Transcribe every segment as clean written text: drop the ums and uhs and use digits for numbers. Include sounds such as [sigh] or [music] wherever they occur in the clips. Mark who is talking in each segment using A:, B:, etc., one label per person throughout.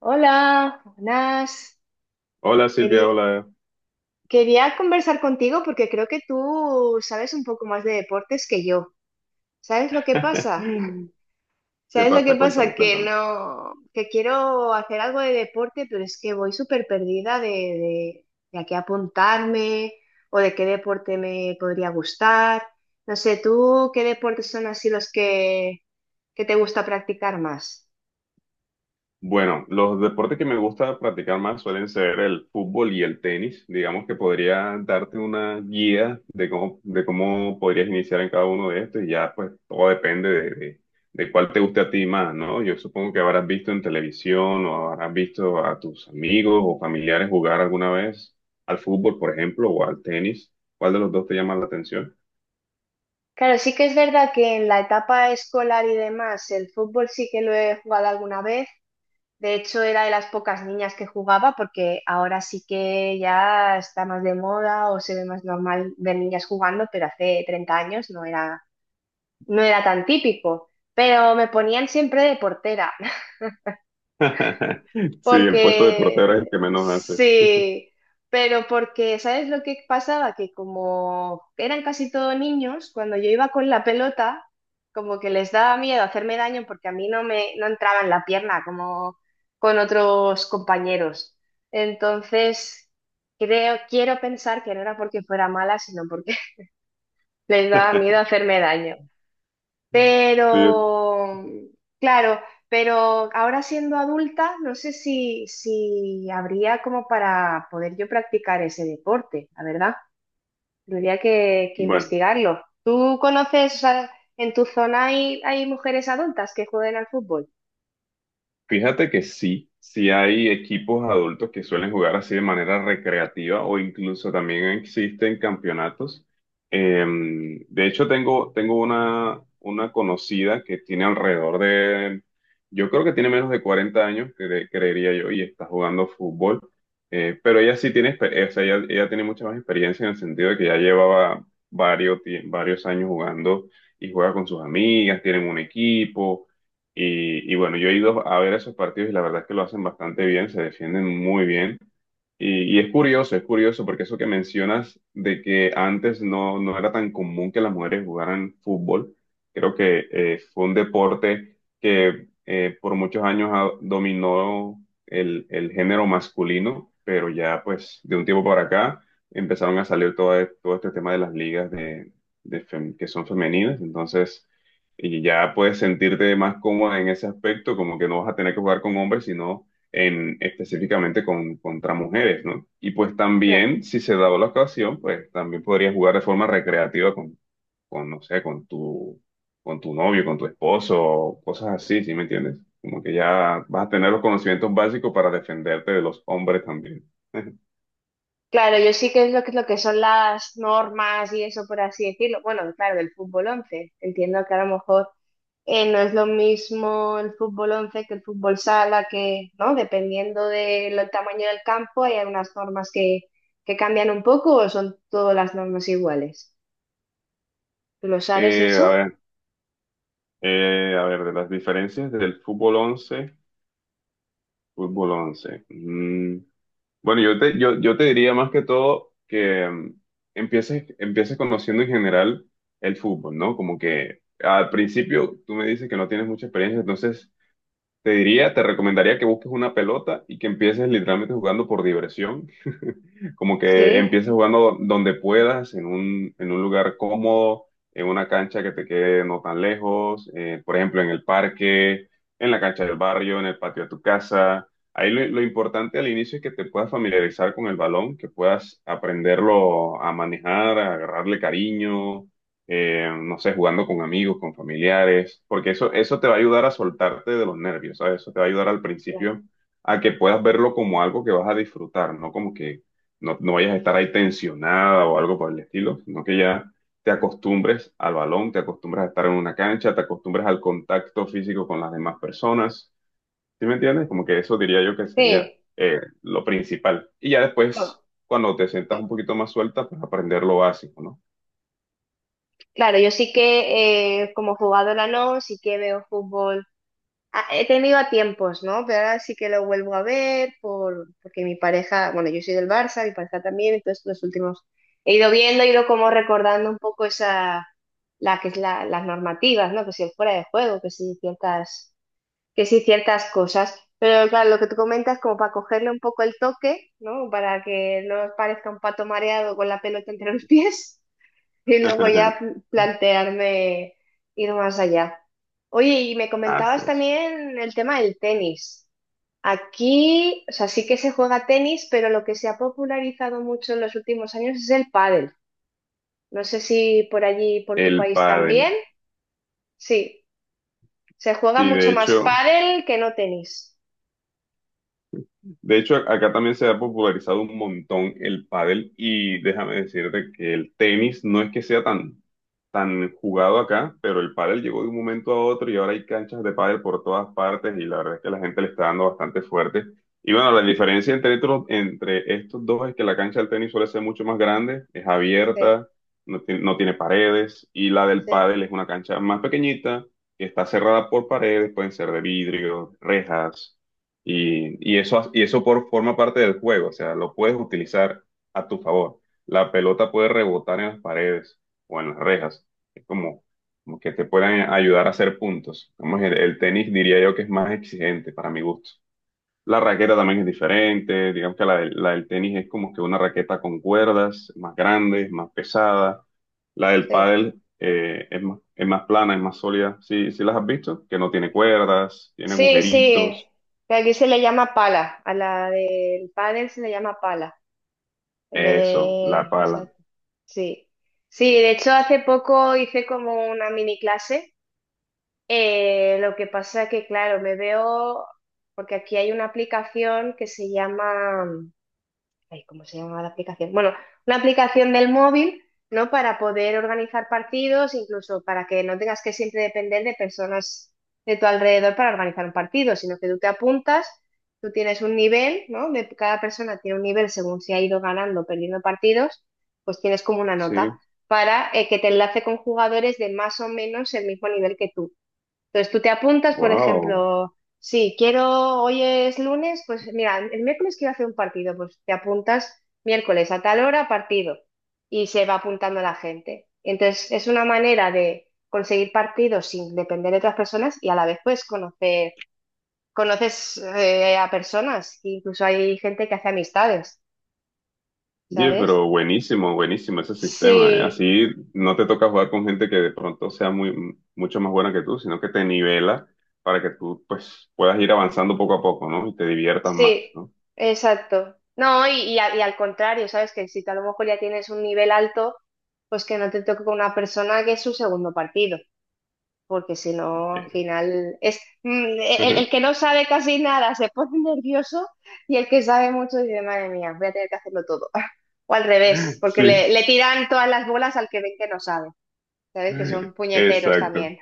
A: Hola, buenas.
B: Hola Silvia,
A: Quería,
B: hola.
A: quería conversar contigo porque creo que tú sabes un poco más de deportes que yo. ¿Sabes lo que pasa?
B: [laughs]
A: [laughs]
B: ¿Qué
A: ¿Sabes lo que
B: pasa? Cuéntame,
A: pasa? Que
B: cuéntame.
A: no, que quiero hacer algo de deporte, pero es que voy súper perdida de a qué apuntarme o de qué deporte me podría gustar. No sé, ¿tú qué deportes son así que te gusta practicar más?
B: Bueno, los deportes que me gusta practicar más suelen ser el fútbol y el tenis. Digamos que podría darte una guía de cómo podrías iniciar en cada uno de estos y ya pues todo depende de cuál te guste a ti más, ¿no? Yo supongo que habrás visto en televisión o habrás visto a tus amigos o familiares jugar alguna vez al fútbol, por ejemplo, o al tenis. ¿Cuál de los dos te llama la atención?
A: Claro, sí que es verdad que en la etapa escolar y demás, el fútbol sí que lo he jugado alguna vez. De hecho, era de las pocas niñas que jugaba porque ahora sí que ya está más de moda o se ve más normal ver niñas jugando, pero hace 30 años no era tan típico. Pero me ponían siempre de portera.
B: [laughs] Sí, el puesto de portero es el que
A: Porque
B: menos hace.
A: sí, pero porque, ¿sabes lo que pasaba? Que como eran casi todos niños, cuando yo iba con la pelota, como que les daba miedo hacerme daño porque a mí no entraba en la pierna como con otros compañeros. Entonces, quiero pensar que no era porque fuera mala, sino porque [laughs] les daba miedo hacerme daño.
B: Sí,
A: Pero, claro, pero ahora siendo adulta, no sé si habría como para poder yo practicar ese deporte, la verdad. Tendría que
B: bueno,
A: investigarlo. ¿Tú conoces, o sea, en tu zona hay, hay mujeres adultas que jueguen al fútbol?
B: fíjate que sí, sí hay equipos adultos que suelen jugar así de manera recreativa o incluso también existen campeonatos. Eh, de hecho, tengo una conocida que tiene alrededor de, yo creo que tiene menos de 40 años, creería yo, y está jugando fútbol. Pero ella sí o sea, ella tiene mucha más experiencia en el sentido de que ya llevaba varios años jugando y juega con sus amigas, tienen un equipo. Y bueno, yo he ido a ver esos partidos y la verdad es que lo hacen bastante bien, se defienden muy bien. Y es curioso porque eso que mencionas de que antes no era tan común que las mujeres jugaran fútbol, creo que fue un deporte que por muchos años dominó el género masculino, pero ya pues de un tiempo para acá empezaron a salir todo este tema de las ligas que son femeninas. Entonces y ya puedes sentirte más cómoda en ese aspecto, como que no vas a tener que jugar con hombres, sino en, específicamente con, contra mujeres, ¿no? Y pues
A: Claro.
B: también, si se da la ocasión, pues también podrías jugar de forma recreativa no sé, con tu novio, con tu esposo, cosas así, ¿sí me entiendes? Como que ya vas a tener los conocimientos básicos para defenderte de los hombres también. [laughs]
A: Claro, yo sí que es lo que son las normas y eso, por así decirlo. Bueno, claro, del fútbol 11. Entiendo que a lo mejor no es lo mismo el fútbol 11 que el fútbol sala, que, ¿no? Dependiendo del tamaño del campo, hay algunas normas que cambian un poco, o son todas las normas iguales. ¿Tú lo sabes
B: A
A: eso?
B: ver, a ver, de las diferencias del fútbol 11. Bueno, yo te diría más que todo que empieces conociendo en general el fútbol, ¿no? Como que al principio tú me dices que no tienes mucha experiencia. Entonces te recomendaría que busques una pelota y que empieces literalmente jugando por diversión, como que
A: Sí.
B: empieces jugando donde puedas, en un lugar cómodo, en una cancha que te quede no tan lejos, por ejemplo, en el parque, en la cancha del barrio, en el patio de tu casa. Ahí lo importante al inicio es que te puedas familiarizar con el balón, que puedas aprenderlo a manejar, a agarrarle cariño, no sé, jugando con amigos, con familiares, porque eso te va a ayudar a soltarte de los nervios, ¿sabes? Eso te va a ayudar al
A: la-
B: principio a que puedas verlo como algo que vas a disfrutar, no como que, no vayas a estar ahí tensionada o algo por el estilo, sino que ya te acostumbres al balón, te acostumbres a estar en una cancha, te acostumbres al contacto físico con las demás personas. ¿Sí me entiendes? Como que eso diría yo que sería
A: Sí.
B: lo principal. Y ya después,
A: Co-
B: cuando te sientas un poquito más suelta, pues aprender lo básico, ¿no?
A: Claro, yo sí que como jugadora no, sí que veo fútbol. He tenido a tiempos, ¿no? Pero ahora sí que lo vuelvo a ver porque mi pareja, bueno, yo soy del Barça, mi pareja también, entonces los últimos he ido viendo, he ido como recordando un poco la que es las normativas, ¿no? Que si el fuera de juego, que si ciertas cosas. Pero claro, lo que tú comentas, como para cogerle un poco el toque, ¿no? Para que no parezca un pato mareado con la pelota entre los pies. Y luego ya
B: [laughs]
A: plantearme ir más allá. Oye, y me comentabas
B: Haces
A: también el tema del tenis. Aquí, o sea, sí que se juega tenis, pero lo que se ha popularizado mucho en los últimos años es el pádel. No sé si por allí, por tu
B: el
A: país
B: pádel.
A: también. Sí, se juega
B: Sí, de
A: mucho más
B: hecho.
A: pádel que no tenis.
B: De hecho, acá también se ha popularizado un montón el pádel y déjame decirte que el tenis no es que sea tan jugado acá, pero el pádel llegó de un momento a otro y ahora hay canchas de pádel por todas partes y la verdad es que la gente le está dando bastante fuerte. Y bueno, la diferencia entre estos dos es que la cancha del tenis suele ser mucho más grande, es
A: Sí,
B: abierta, no tiene paredes y la del
A: sí,
B: pádel es una cancha más pequeñita que está cerrada por paredes, pueden ser de vidrio, rejas. Y eso forma parte del juego, o sea, lo puedes utilizar a tu favor. La pelota puede rebotar en las paredes o en las rejas. Es como que te pueden ayudar a hacer puntos. Como es el tenis diría yo que es más exigente para mi gusto. La raqueta también es diferente. Digamos que la del tenis es como que una raqueta con cuerdas, más grande, más pesada. La del
A: sí.
B: pádel es más plana, es más sólida. Sí, sí las has visto, que no tiene cuerdas, tiene
A: Sí, sí.
B: agujeritos.
A: que Aquí se le llama pala. A la del pádel se le llama pala. En vez
B: Eso, la
A: de...
B: pala.
A: Exacto. Sí. Sí, de hecho hace poco hice como una mini clase. Lo que pasa que, claro, porque aquí hay una aplicación que se llama, ay, ¿cómo se llama la aplicación? Bueno, una aplicación del móvil, ¿no? Para poder organizar partidos, incluso para que no tengas que siempre depender de personas de tu alrededor para organizar un partido, sino que tú te apuntas, tú tienes un nivel, ¿no? Cada persona tiene un nivel según si ha ido ganando o perdiendo partidos, pues tienes como una nota
B: Sí,
A: para que te enlace con jugadores de más o menos el mismo nivel que tú. Entonces tú te apuntas, por
B: wow.
A: ejemplo, si quiero, hoy es lunes, pues mira, el miércoles quiero hacer un partido, pues te apuntas miércoles a tal hora, partido, y se va apuntando la gente. Entonces es una manera de conseguir partidos sin depender de otras personas, y a la vez conoces a personas, incluso hay gente que hace amistades,
B: Oye,
A: ¿sabes?
B: pero buenísimo, buenísimo ese sistema, ¿eh?
A: Sí.
B: Así no te toca jugar con gente que de pronto sea muy, mucho más buena que tú, sino que te nivela para que tú pues puedas ir avanzando poco a poco, ¿no? Y te diviertas
A: Sí,
B: más, ¿no?
A: exacto. No, y al contrario, ¿sabes? Que si tú a lo mejor ya tienes un nivel alto, pues que no te toque con una persona que es su segundo partido, porque si no, al final es el que
B: [laughs]
A: no sabe casi nada se pone [laughs] nervioso, y el que sabe mucho dice, madre mía, voy a tener que hacerlo todo. [laughs] O al revés,
B: Sí,
A: porque le tiran todas las bolas al que ven que no sabe, ¿sabes? Que son puñeteros
B: exacto.
A: también.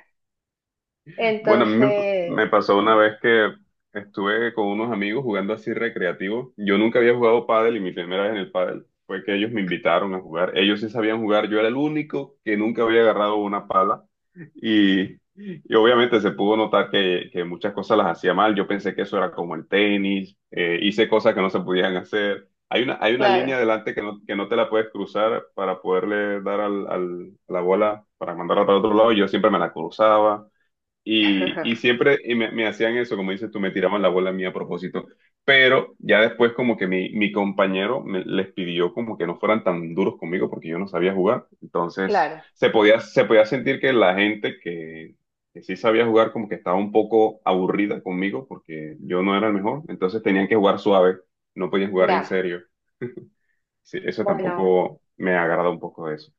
B: Bueno, a mí me
A: Entonces,
B: pasó una
A: bueno,
B: vez que estuve con unos amigos jugando así recreativo. Yo nunca había jugado pádel y mi primera vez en el pádel fue que ellos me invitaron a jugar. Ellos sí sabían jugar, yo era el único que nunca había agarrado una pala y obviamente se pudo notar que muchas cosas las hacía mal. Yo pensé que eso era como el tenis, hice cosas que no se podían hacer. Hay una línea
A: claro,
B: delante que no te la puedes cruzar para poderle dar a la bola para mandarla para otro lado. Y yo siempre me la cruzaba. Y
A: [laughs]
B: siempre y me hacían eso, como dices tú, me tiraban la bola a mí a propósito. Pero ya después como que mi compañero les pidió como que no fueran tan duros conmigo porque yo no sabía jugar. Entonces
A: claro,
B: se podía sentir que la gente que sí sabía jugar como que estaba un poco aburrida conmigo porque yo no era el mejor. Entonces tenían que jugar suave, no podían jugar en
A: ya.
B: serio. [laughs] Sí, eso
A: Bueno.
B: tampoco me agrada un poco de eso,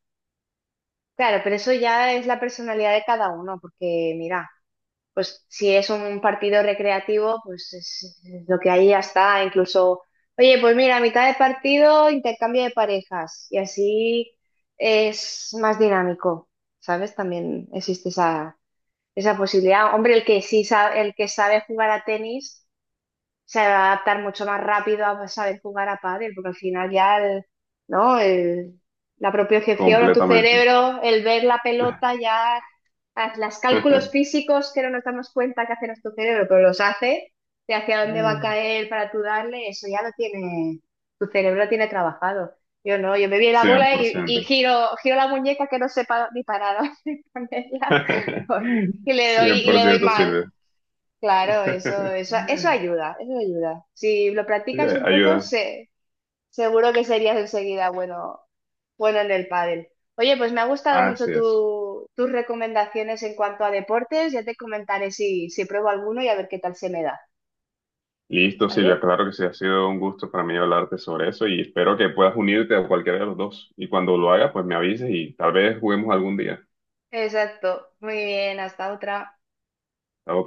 A: Claro, pero eso ya es la personalidad de cada uno, porque mira, pues si es un partido recreativo, pues es lo que ahí ya está. Incluso, oye, pues mira, a mitad de partido intercambio de parejas, y así es más dinámico, ¿sabes? También existe esa posibilidad. Hombre, el que sí sabe, el que sabe jugar a tenis se va a adaptar mucho más rápido a saber jugar a pádel, porque al final ya el, ¿no? El- la propiocepción a tu
B: completamente.
A: cerebro, el ver la pelota,
B: [laughs]
A: ya haz los cálculos físicos que no nos damos cuenta que hace nuestro cerebro, pero los hace, de hacia dónde va a caer para tú darle, eso ya lo tiene, tu cerebro lo tiene trabajado. Yo no, yo me vi la
B: cien
A: bola
B: por
A: y,
B: ciento
A: y giro la muñeca que no sepa ni parar [laughs] dónde ponerla
B: [laughs] Cien
A: y
B: por
A: le doy
B: ciento
A: mal.
B: Silvia.
A: Claro,
B: [laughs]
A: eso ayuda, eso ayuda. Si lo
B: Sí,
A: practicas un poco,
B: ayuda.
A: seguro que serías enseguida bueno en el pádel. Oye, pues me ha gustado mucho
B: Así es.
A: tus recomendaciones en cuanto a deportes. Ya te comentaré si, si pruebo alguno y a ver qué tal se me da,
B: Listo, Silvia.
A: ¿vale?
B: Claro que sí, ha sido un gusto para mí hablarte sobre eso y espero que puedas unirte a cualquiera de los dos. Y cuando lo hagas, pues me avises y tal vez juguemos algún día.
A: Exacto. Muy bien, hasta otra.
B: Estamos